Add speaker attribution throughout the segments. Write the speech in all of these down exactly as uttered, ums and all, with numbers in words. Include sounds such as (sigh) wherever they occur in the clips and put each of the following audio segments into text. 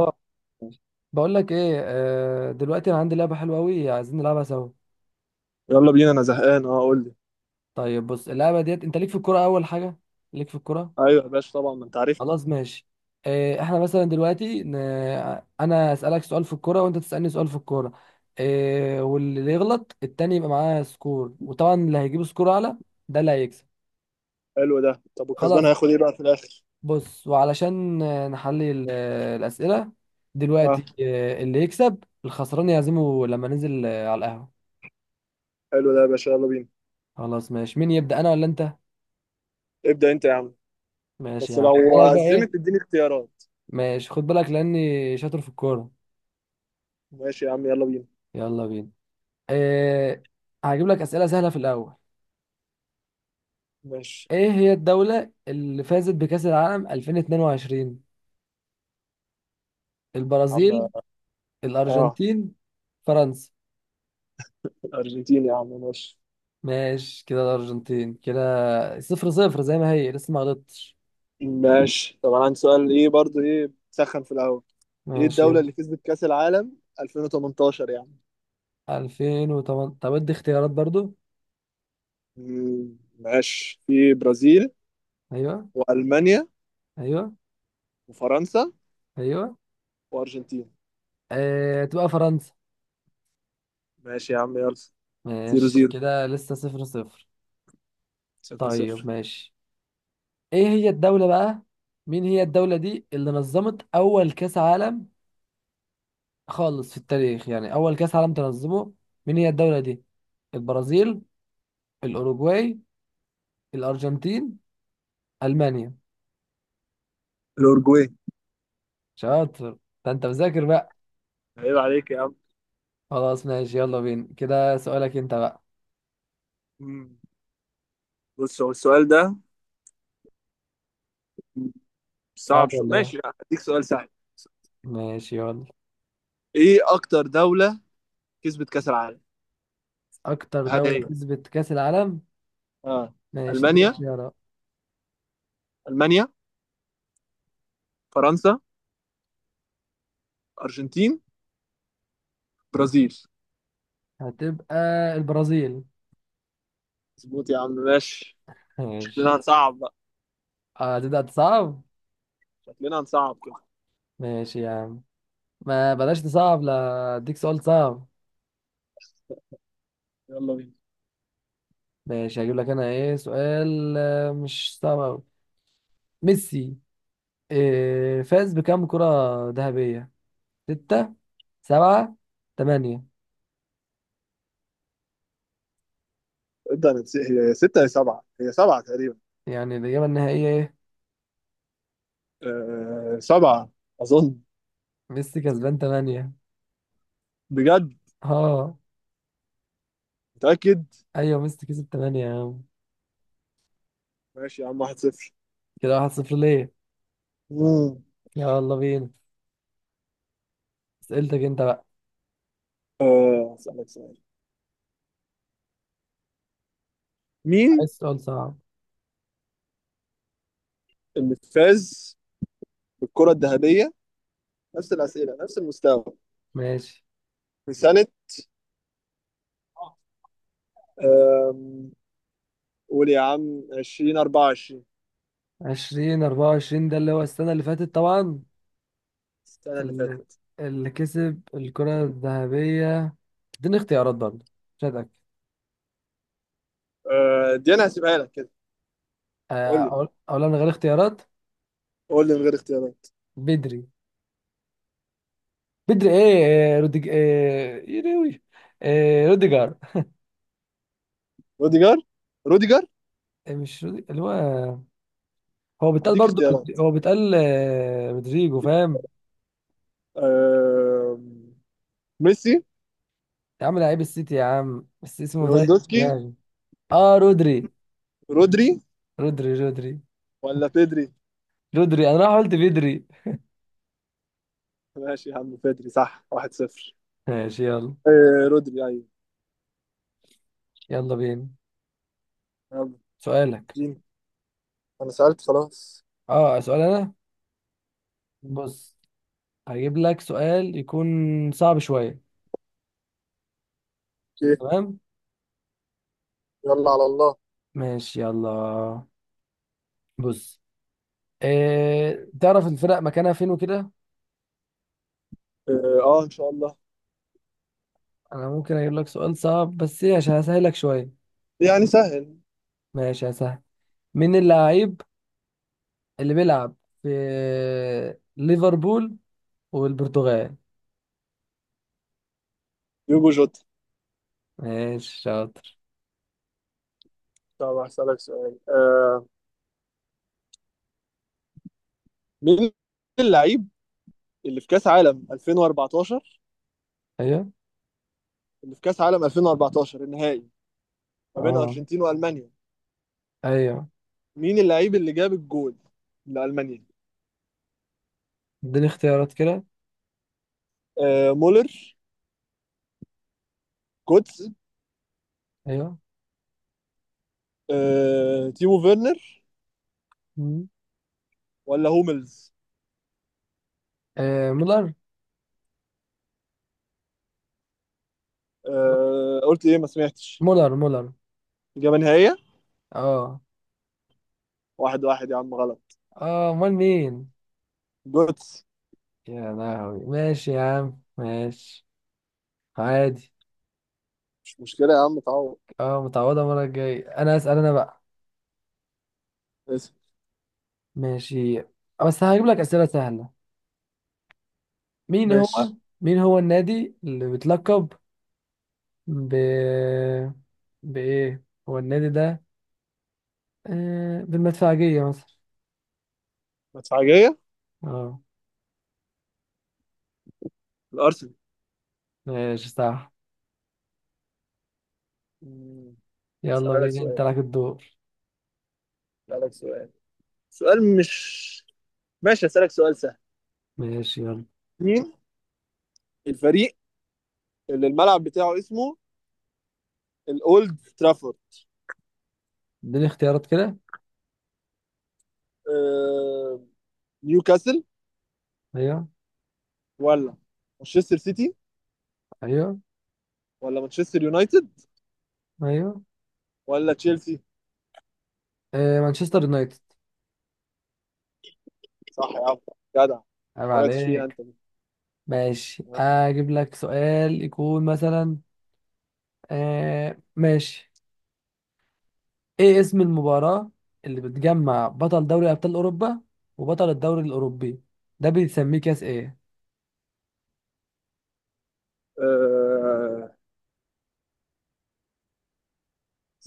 Speaker 1: آه، بقول لك ايه، آه، دلوقتي انا عندي لعبه حلوه قوي عايزين نلعبها سوا.
Speaker 2: يلا بينا، انا زهقان. اه، قول لي.
Speaker 1: طيب بص اللعبه ديت انت ليك في الكوره اول حاجه، ليك في الكوره.
Speaker 2: ايوه يا باشا، طبعا ما انت عارفني.
Speaker 1: خلاص ماشي. آه، احنا مثلا دلوقتي ن... انا اسالك سؤال في الكوره وانت تسالني سؤال في الكوره. آه، واللي يغلط التاني يبقى معاه سكور، وطبعا اللي هيجيب سكور اعلى ده اللي هيكسب.
Speaker 2: حلو ده. طب، والكسبان
Speaker 1: خلاص.
Speaker 2: هياخد ايه بقى في الاخر؟
Speaker 1: بص، وعلشان آه، نحلي ال- آه، الاسئله،
Speaker 2: اه،
Speaker 1: دلوقتي آه، اللي يكسب الخسران يعزمه لما ننزل آه، على القهوه.
Speaker 2: حلو ده يا باشا، يلا بينا.
Speaker 1: خلاص ماشي، مين يبدأ انا ولا انت؟
Speaker 2: ابدأ انت يا عم.
Speaker 1: ماشي
Speaker 2: بس
Speaker 1: يا عم، خد
Speaker 2: لو
Speaker 1: بالك بقى. ايه،
Speaker 2: أزمت اديني اختيارات.
Speaker 1: ماشي، خد بالك لاني شاطر في الكورة.
Speaker 2: ماشي يا عم، يلا بينا.
Speaker 1: يلا بينا. إيه، هجيب لك أسئلة سهلة في الأول.
Speaker 2: ماشي
Speaker 1: ايه هي الدولة اللي فازت بكأس العالم ألفين واتنين وعشرين؟
Speaker 2: يا عم.
Speaker 1: البرازيل،
Speaker 2: اه،
Speaker 1: الأرجنتين، فرنسا.
Speaker 2: الارجنتين يا عم، ماشي.
Speaker 1: ماشي كده، الأرجنتين كده. صفر صفر زي ما هي، لسه ما غلطتش.
Speaker 2: ماشي. طب انا عندي سؤال. ايه برضو، ايه سخن في الاول؟ ايه
Speaker 1: ماشي
Speaker 2: الدولة
Speaker 1: يلا.
Speaker 2: اللي كسبت كأس العالم ألفين وتمنتاشر يعني؟
Speaker 1: ألفين وتمانية؟ طب ادي اختيارات برضو.
Speaker 2: مم، ماشي، في برازيل،
Speaker 1: ايوه.
Speaker 2: وألمانيا،
Speaker 1: ايوه.
Speaker 2: وفرنسا،
Speaker 1: ايوه.
Speaker 2: وأرجنتين.
Speaker 1: إيه، تبقى فرنسا.
Speaker 2: ماشي يا عم يلا. صفر
Speaker 1: ماشي
Speaker 2: صفر.
Speaker 1: كده لسه صفر صفر.
Speaker 2: صفر
Speaker 1: طيب
Speaker 2: صفر.
Speaker 1: ماشي. ايه هي الدولة بقى، مين هي الدولة دي اللي نظمت اول كاس عالم خالص في التاريخ، يعني اول كاس عالم تنظمه؟ مين هي الدولة دي؟ البرازيل، الاوروجواي، الارجنتين، المانيا.
Speaker 2: الأورجواي.
Speaker 1: شاطر، ده انت مذاكر بقى.
Speaker 2: عيب عليك يا عم.
Speaker 1: خلاص ماشي، يلا بينا كده سؤالك انت بقى.
Speaker 2: مم. بص، هو السؤال ده
Speaker 1: صعب
Speaker 2: صعب شو؟
Speaker 1: ولا ايه؟
Speaker 2: ماشي، لا، هديك سؤال سهل.
Speaker 1: ماشي يلا.
Speaker 2: ايه اكتر دولة كسبت كأس العالم؟
Speaker 1: اكتر
Speaker 2: هل
Speaker 1: دولة
Speaker 2: هي...
Speaker 1: كسبت كاس العالم؟
Speaker 2: اه،
Speaker 1: ماشي اديني
Speaker 2: المانيا
Speaker 1: اختيارات.
Speaker 2: المانيا، فرنسا، ارجنتين، برازيل؟
Speaker 1: هتبقى البرازيل.
Speaker 2: مظبوط يا عم، ماشي.
Speaker 1: ماشي.
Speaker 2: شكلنا هنصعب بقى.
Speaker 1: هتبدأ تصعب.
Speaker 2: شكلنا هنصعب كده.
Speaker 1: ماشي يا عم، ما بلاش تصعب، لا اديك سؤال صعب.
Speaker 2: يلا بينا.
Speaker 1: ماشي، هجيب لك انا ايه سؤال آه، مش صعب أوي. ميسي إيه فاز بكام كرة ذهبية؟ ستة، سبعة، تمانية؟
Speaker 2: ابدا انا نسي- هي ستة، هي سبعة، هي سبعة تقريبا.
Speaker 1: يعني الإجابة النهائية ايه؟
Speaker 2: أه، سبعة. أظن.
Speaker 1: ميسي كسبان تمانية.
Speaker 2: بجد؟
Speaker 1: اه،
Speaker 2: متأكد؟
Speaker 1: ايوه ميسي كسب تمانية يا عم.
Speaker 2: ماشي يا عم، واحد صفر.
Speaker 1: كده واحد صفر ليه.
Speaker 2: مم.
Speaker 1: يلا بينا، اسئلتك انت بقى.
Speaker 2: أه، أسألك سؤال. مين
Speaker 1: عايز سؤال صعب.
Speaker 2: اللي فاز بالكرة الذهبية؟ نفس الأسئلة، نفس المستوى.
Speaker 1: ماشي.
Speaker 2: في سنة آم، قول يا عم، ألفين وأربعة وعشرين.
Speaker 1: عشرين أربعة وعشرين، ده اللي هو السنة اللي فاتت طبعا.
Speaker 2: السنة اللي
Speaker 1: ال-
Speaker 2: فاتت.
Speaker 1: اللي كسب الكرة الذهبية. اديني اختيارات برضه، مش هتأكد.
Speaker 2: آه، دي أنا هسيبها لك كده.
Speaker 1: آه،
Speaker 2: قول لي.
Speaker 1: أقول، أقول أنا من غير اختيارات.
Speaker 2: قول لي من غير اختيارات.
Speaker 1: بدري. بدري إيه، آه، روديج، إيه، يروي، إيه روديجر.
Speaker 2: روديجر. روديجر.
Speaker 1: إيه مش رودي... اللي هو، هو بيتقال
Speaker 2: هديك
Speaker 1: برضه،
Speaker 2: اختيارات.
Speaker 1: هو بيتقال آه، رودريجو، فاهم؟
Speaker 2: آم، ميسي،
Speaker 1: يا عم لعيب السيتي يا عم، بس اسمه طيب
Speaker 2: ليفاندوسكي،
Speaker 1: يعني. آه، رودري
Speaker 2: رودري،
Speaker 1: رودري رودري
Speaker 2: ولا بيدري؟
Speaker 1: رودري، أنا راح قلت بدري.
Speaker 2: ماشي يا عم، بيدري صح. واحد صفر.
Speaker 1: ماشي يلا.
Speaker 2: آه، رودري، أيوه.
Speaker 1: يلا بينا.
Speaker 2: يلا.
Speaker 1: سؤالك.
Speaker 2: جيم. أنا سألت خلاص.
Speaker 1: آه، سؤال أنا. بص، هجيب لك سؤال يكون صعب شوية.
Speaker 2: أوكي.
Speaker 1: تمام،
Speaker 2: يلا على الله.
Speaker 1: ماشي يلا. بص، إيه تعرف الفرق مكانها فين وكده؟
Speaker 2: اه، آه، ان شاء الله.
Speaker 1: انا ممكن اجيب لك سؤال صعب بس ايه، عشان هسهلك شوية.
Speaker 2: يعني سهل.
Speaker 1: ماشي هسهل. مين اللاعب اللي بيلعب في ليفربول والبرتغال؟
Speaker 2: يوجو جوتا.
Speaker 1: ماشي شاطر.
Speaker 2: طب هسألك سؤال آه مين اللعيب اللي في كأس عالم ألفين وأربعتاشر
Speaker 1: ايوه.
Speaker 2: اللي في كأس عالم ألفين وأربعتاشر، النهائي، ما بين
Speaker 1: اه.
Speaker 2: أرجنتين وألمانيا.
Speaker 1: ايوه.
Speaker 2: مين اللعيب اللي جاب الجول لألمانيا؟
Speaker 1: اديني اختيارات كده.
Speaker 2: آه مولر، كوتس،
Speaker 1: ايوه.
Speaker 2: آه تيمو فيرنر،
Speaker 1: مم.
Speaker 2: ولا هوملز؟
Speaker 1: إيه مولر.
Speaker 2: آه قلت إيه؟ ما سمعتش.
Speaker 1: مولر مولر
Speaker 2: إجابة نهائية.
Speaker 1: اه.
Speaker 2: واحد واحد يا عم، غلط.
Speaker 1: اه، امال مين؟
Speaker 2: جوتس.
Speaker 1: يا لهوي، ماشي يا عم ماشي. عادي.
Speaker 2: مش مشكلة يا عم، تعوض.
Speaker 1: اه، متعوضة المرة الجاية انا اسأل انا بقى.
Speaker 2: اسف.
Speaker 1: ماشي، بس هجيب لك اسئلة سهلة. مين هو،
Speaker 2: ماشي.
Speaker 1: مين هو النادي اللي بيتلقب ب، بايه هو النادي ده آه... بالمدفعجية مثلا؟
Speaker 2: مدفعجية.
Speaker 1: اه
Speaker 2: الأرسنال.
Speaker 1: ماشي، صح.
Speaker 2: مم.
Speaker 1: يلا
Speaker 2: أسألك
Speaker 1: بينا، انت
Speaker 2: سؤال،
Speaker 1: لك الدور.
Speaker 2: اسالك سؤال سؤال مش ماشي، اسالك سؤال سهل.
Speaker 1: ماشي يلا.
Speaker 2: مين الفريق اللي الملعب بتاعه اسمه الاولد ترافورد؟
Speaker 1: اديني اختيارات كده.
Speaker 2: آه... نيوكاسل،
Speaker 1: ايوه.
Speaker 2: ولا مانشستر سيتي،
Speaker 1: ايوه.
Speaker 2: ولا مانشستر يونايتد،
Speaker 1: ايوه.
Speaker 2: ولا تشيلسي؟
Speaker 1: آه... مانشستر يونايتد.
Speaker 2: صح يا عم، جدع.
Speaker 1: عيب
Speaker 2: ما وقعتش فيها
Speaker 1: عليك.
Speaker 2: انت.
Speaker 1: ماشي، اجيب لك سؤال يكون مثلا، آه ماشي. ايه اسم المباراة اللي بتجمع بطل دوري ابطال اوروبا وبطل الدوري الاوروبي؟ ده بيتسميه كاس ايه؟
Speaker 2: آه...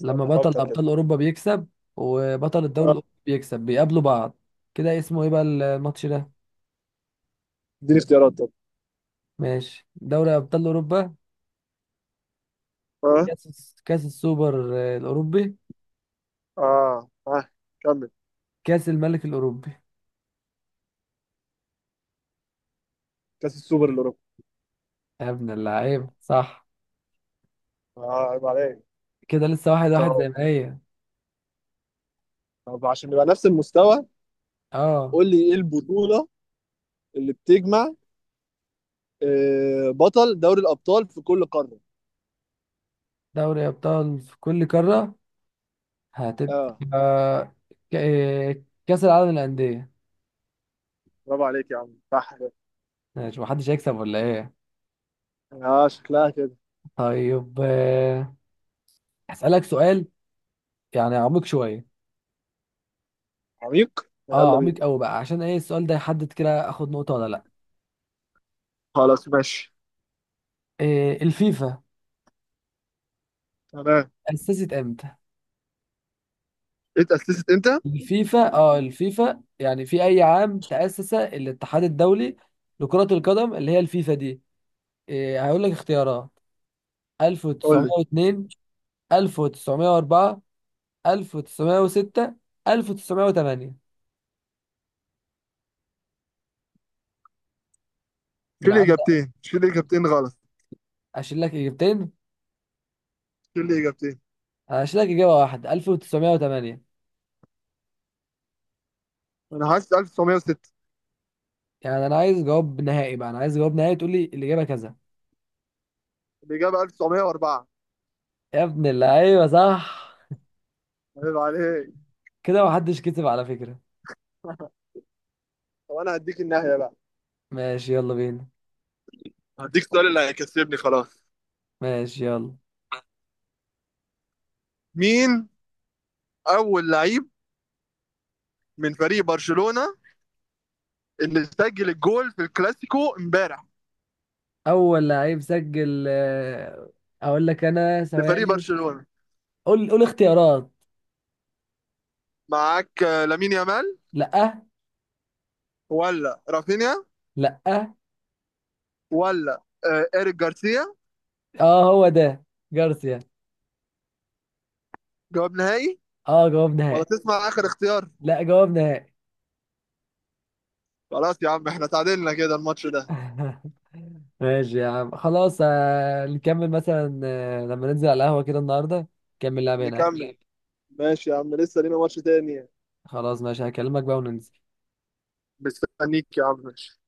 Speaker 1: لما بطل
Speaker 2: افكر كده.
Speaker 1: ابطال اوروبا بيكسب وبطل الدوري
Speaker 2: آه،
Speaker 1: الاوروبي بيكسب، بيقابلوا بعض، كده اسمه ايه بقى الماتش ده؟
Speaker 2: اديني اختيارات طب.
Speaker 1: ماشي، دوري ابطال اوروبا،
Speaker 2: اه،
Speaker 1: كاس كاس السوبر آه، الاوروبي،
Speaker 2: اه، اه، كمل.
Speaker 1: كاس الملك الاوروبي.
Speaker 2: كاس السوبر الاوروبي.
Speaker 1: يا ابن اللعيبة، صح.
Speaker 2: اه، عيب عليك.
Speaker 1: كده لسه واحد واحد
Speaker 2: طب،
Speaker 1: زي ما هي.
Speaker 2: طب، عشان نبقى نفس المستوى.
Speaker 1: اه،
Speaker 2: قول لي ايه البطولة اللي بتجمع آه، بطل دوري الابطال في كل قاره؟
Speaker 1: دوري أبطال في كل قارة. هتبقى
Speaker 2: اه،
Speaker 1: ك- آه، كأس العالم للأندية.
Speaker 2: برافو عليك يا عم، صح كده.
Speaker 1: ماشي، محدش هيكسب ولا إيه؟
Speaker 2: اه، شكلها كده.
Speaker 1: طيب، آه، هسألك سؤال يعني عميق شوية.
Speaker 2: عميق؟
Speaker 1: اه
Speaker 2: يلا بينا.
Speaker 1: عميق أوي بقى، عشان إيه السؤال ده يحدد كده آخد نقطة ولا لأ.
Speaker 2: خلاص ماشي.
Speaker 1: إيه الفيفا
Speaker 2: تمام.
Speaker 1: أسست إمتى؟
Speaker 2: اتأسست امتى؟
Speaker 1: الفيفا، اه، الفيفا يعني في أي عام تأسس الاتحاد الدولي لكرة القدم اللي هي الفيفا دي؟ إيه هقول لك اختيارات،
Speaker 2: قول لي.
Speaker 1: ألف وتسعمائة واثنين، ألف وتسعمائة وأربعة، ألف وتسعمائة وستة، ألف وتسعمائة وثمانية. من
Speaker 2: شيل
Speaker 1: عندك؟
Speaker 2: اجابتين، شيل اجابتين غلط.
Speaker 1: اشيل لك اجابتين.
Speaker 2: شيل اجابتين.
Speaker 1: هشيل لك اجابه واحده، ألف وتسعمائة وثمانية.
Speaker 2: انا حاسس ألف وتسعمية وستة.
Speaker 1: يعني انا عايز جواب نهائي بقى، انا عايز جواب نهائي تقول لي الاجابه كذا.
Speaker 2: الاجابه ألف وتسعمية وأربعة.
Speaker 1: يا ابن اللعيبه، صح.
Speaker 2: عيب عليك.
Speaker 1: كده محدش كتب على فكره.
Speaker 2: (laughs) طب انا هديك النهايه بقى.
Speaker 1: ماشي يلا بينا.
Speaker 2: هديك السؤال اللي هيكسبني خلاص.
Speaker 1: ماشي يلا.
Speaker 2: مين اول لعيب من فريق برشلونة اللي سجل الجول في الكلاسيكو امبارح
Speaker 1: اول لعيب سجل، آه، اقول لك انا
Speaker 2: لفريق
Speaker 1: ثواني.
Speaker 2: برشلونة؟
Speaker 1: قول قول اختيارات.
Speaker 2: معاك آه، لامين يامال،
Speaker 1: لا.
Speaker 2: ولا رافينيا،
Speaker 1: لا.
Speaker 2: ولا آه، إيريك جارسيا؟
Speaker 1: اه هو ده، جارسيا.
Speaker 2: جواب نهائي؟
Speaker 1: اه جواب
Speaker 2: ولا
Speaker 1: نهائي.
Speaker 2: تسمع آخر اختيار؟
Speaker 1: لا جواب نهائي.
Speaker 2: خلاص يا عم، احنا تعادلنا كده الماتش ده.
Speaker 1: (laughs) ماشي يا عم خلاص، آه، نكمل مثلا آه، لما ننزل على القهوة كده النهاردة، نكمل لعبة هناك.
Speaker 2: نكمل. ماشي يا عم، لسه لينا ماتش تاني.
Speaker 1: خلاص ماشي، هكلمك بقى وننزل
Speaker 2: مستنيك يا عم، ماشي.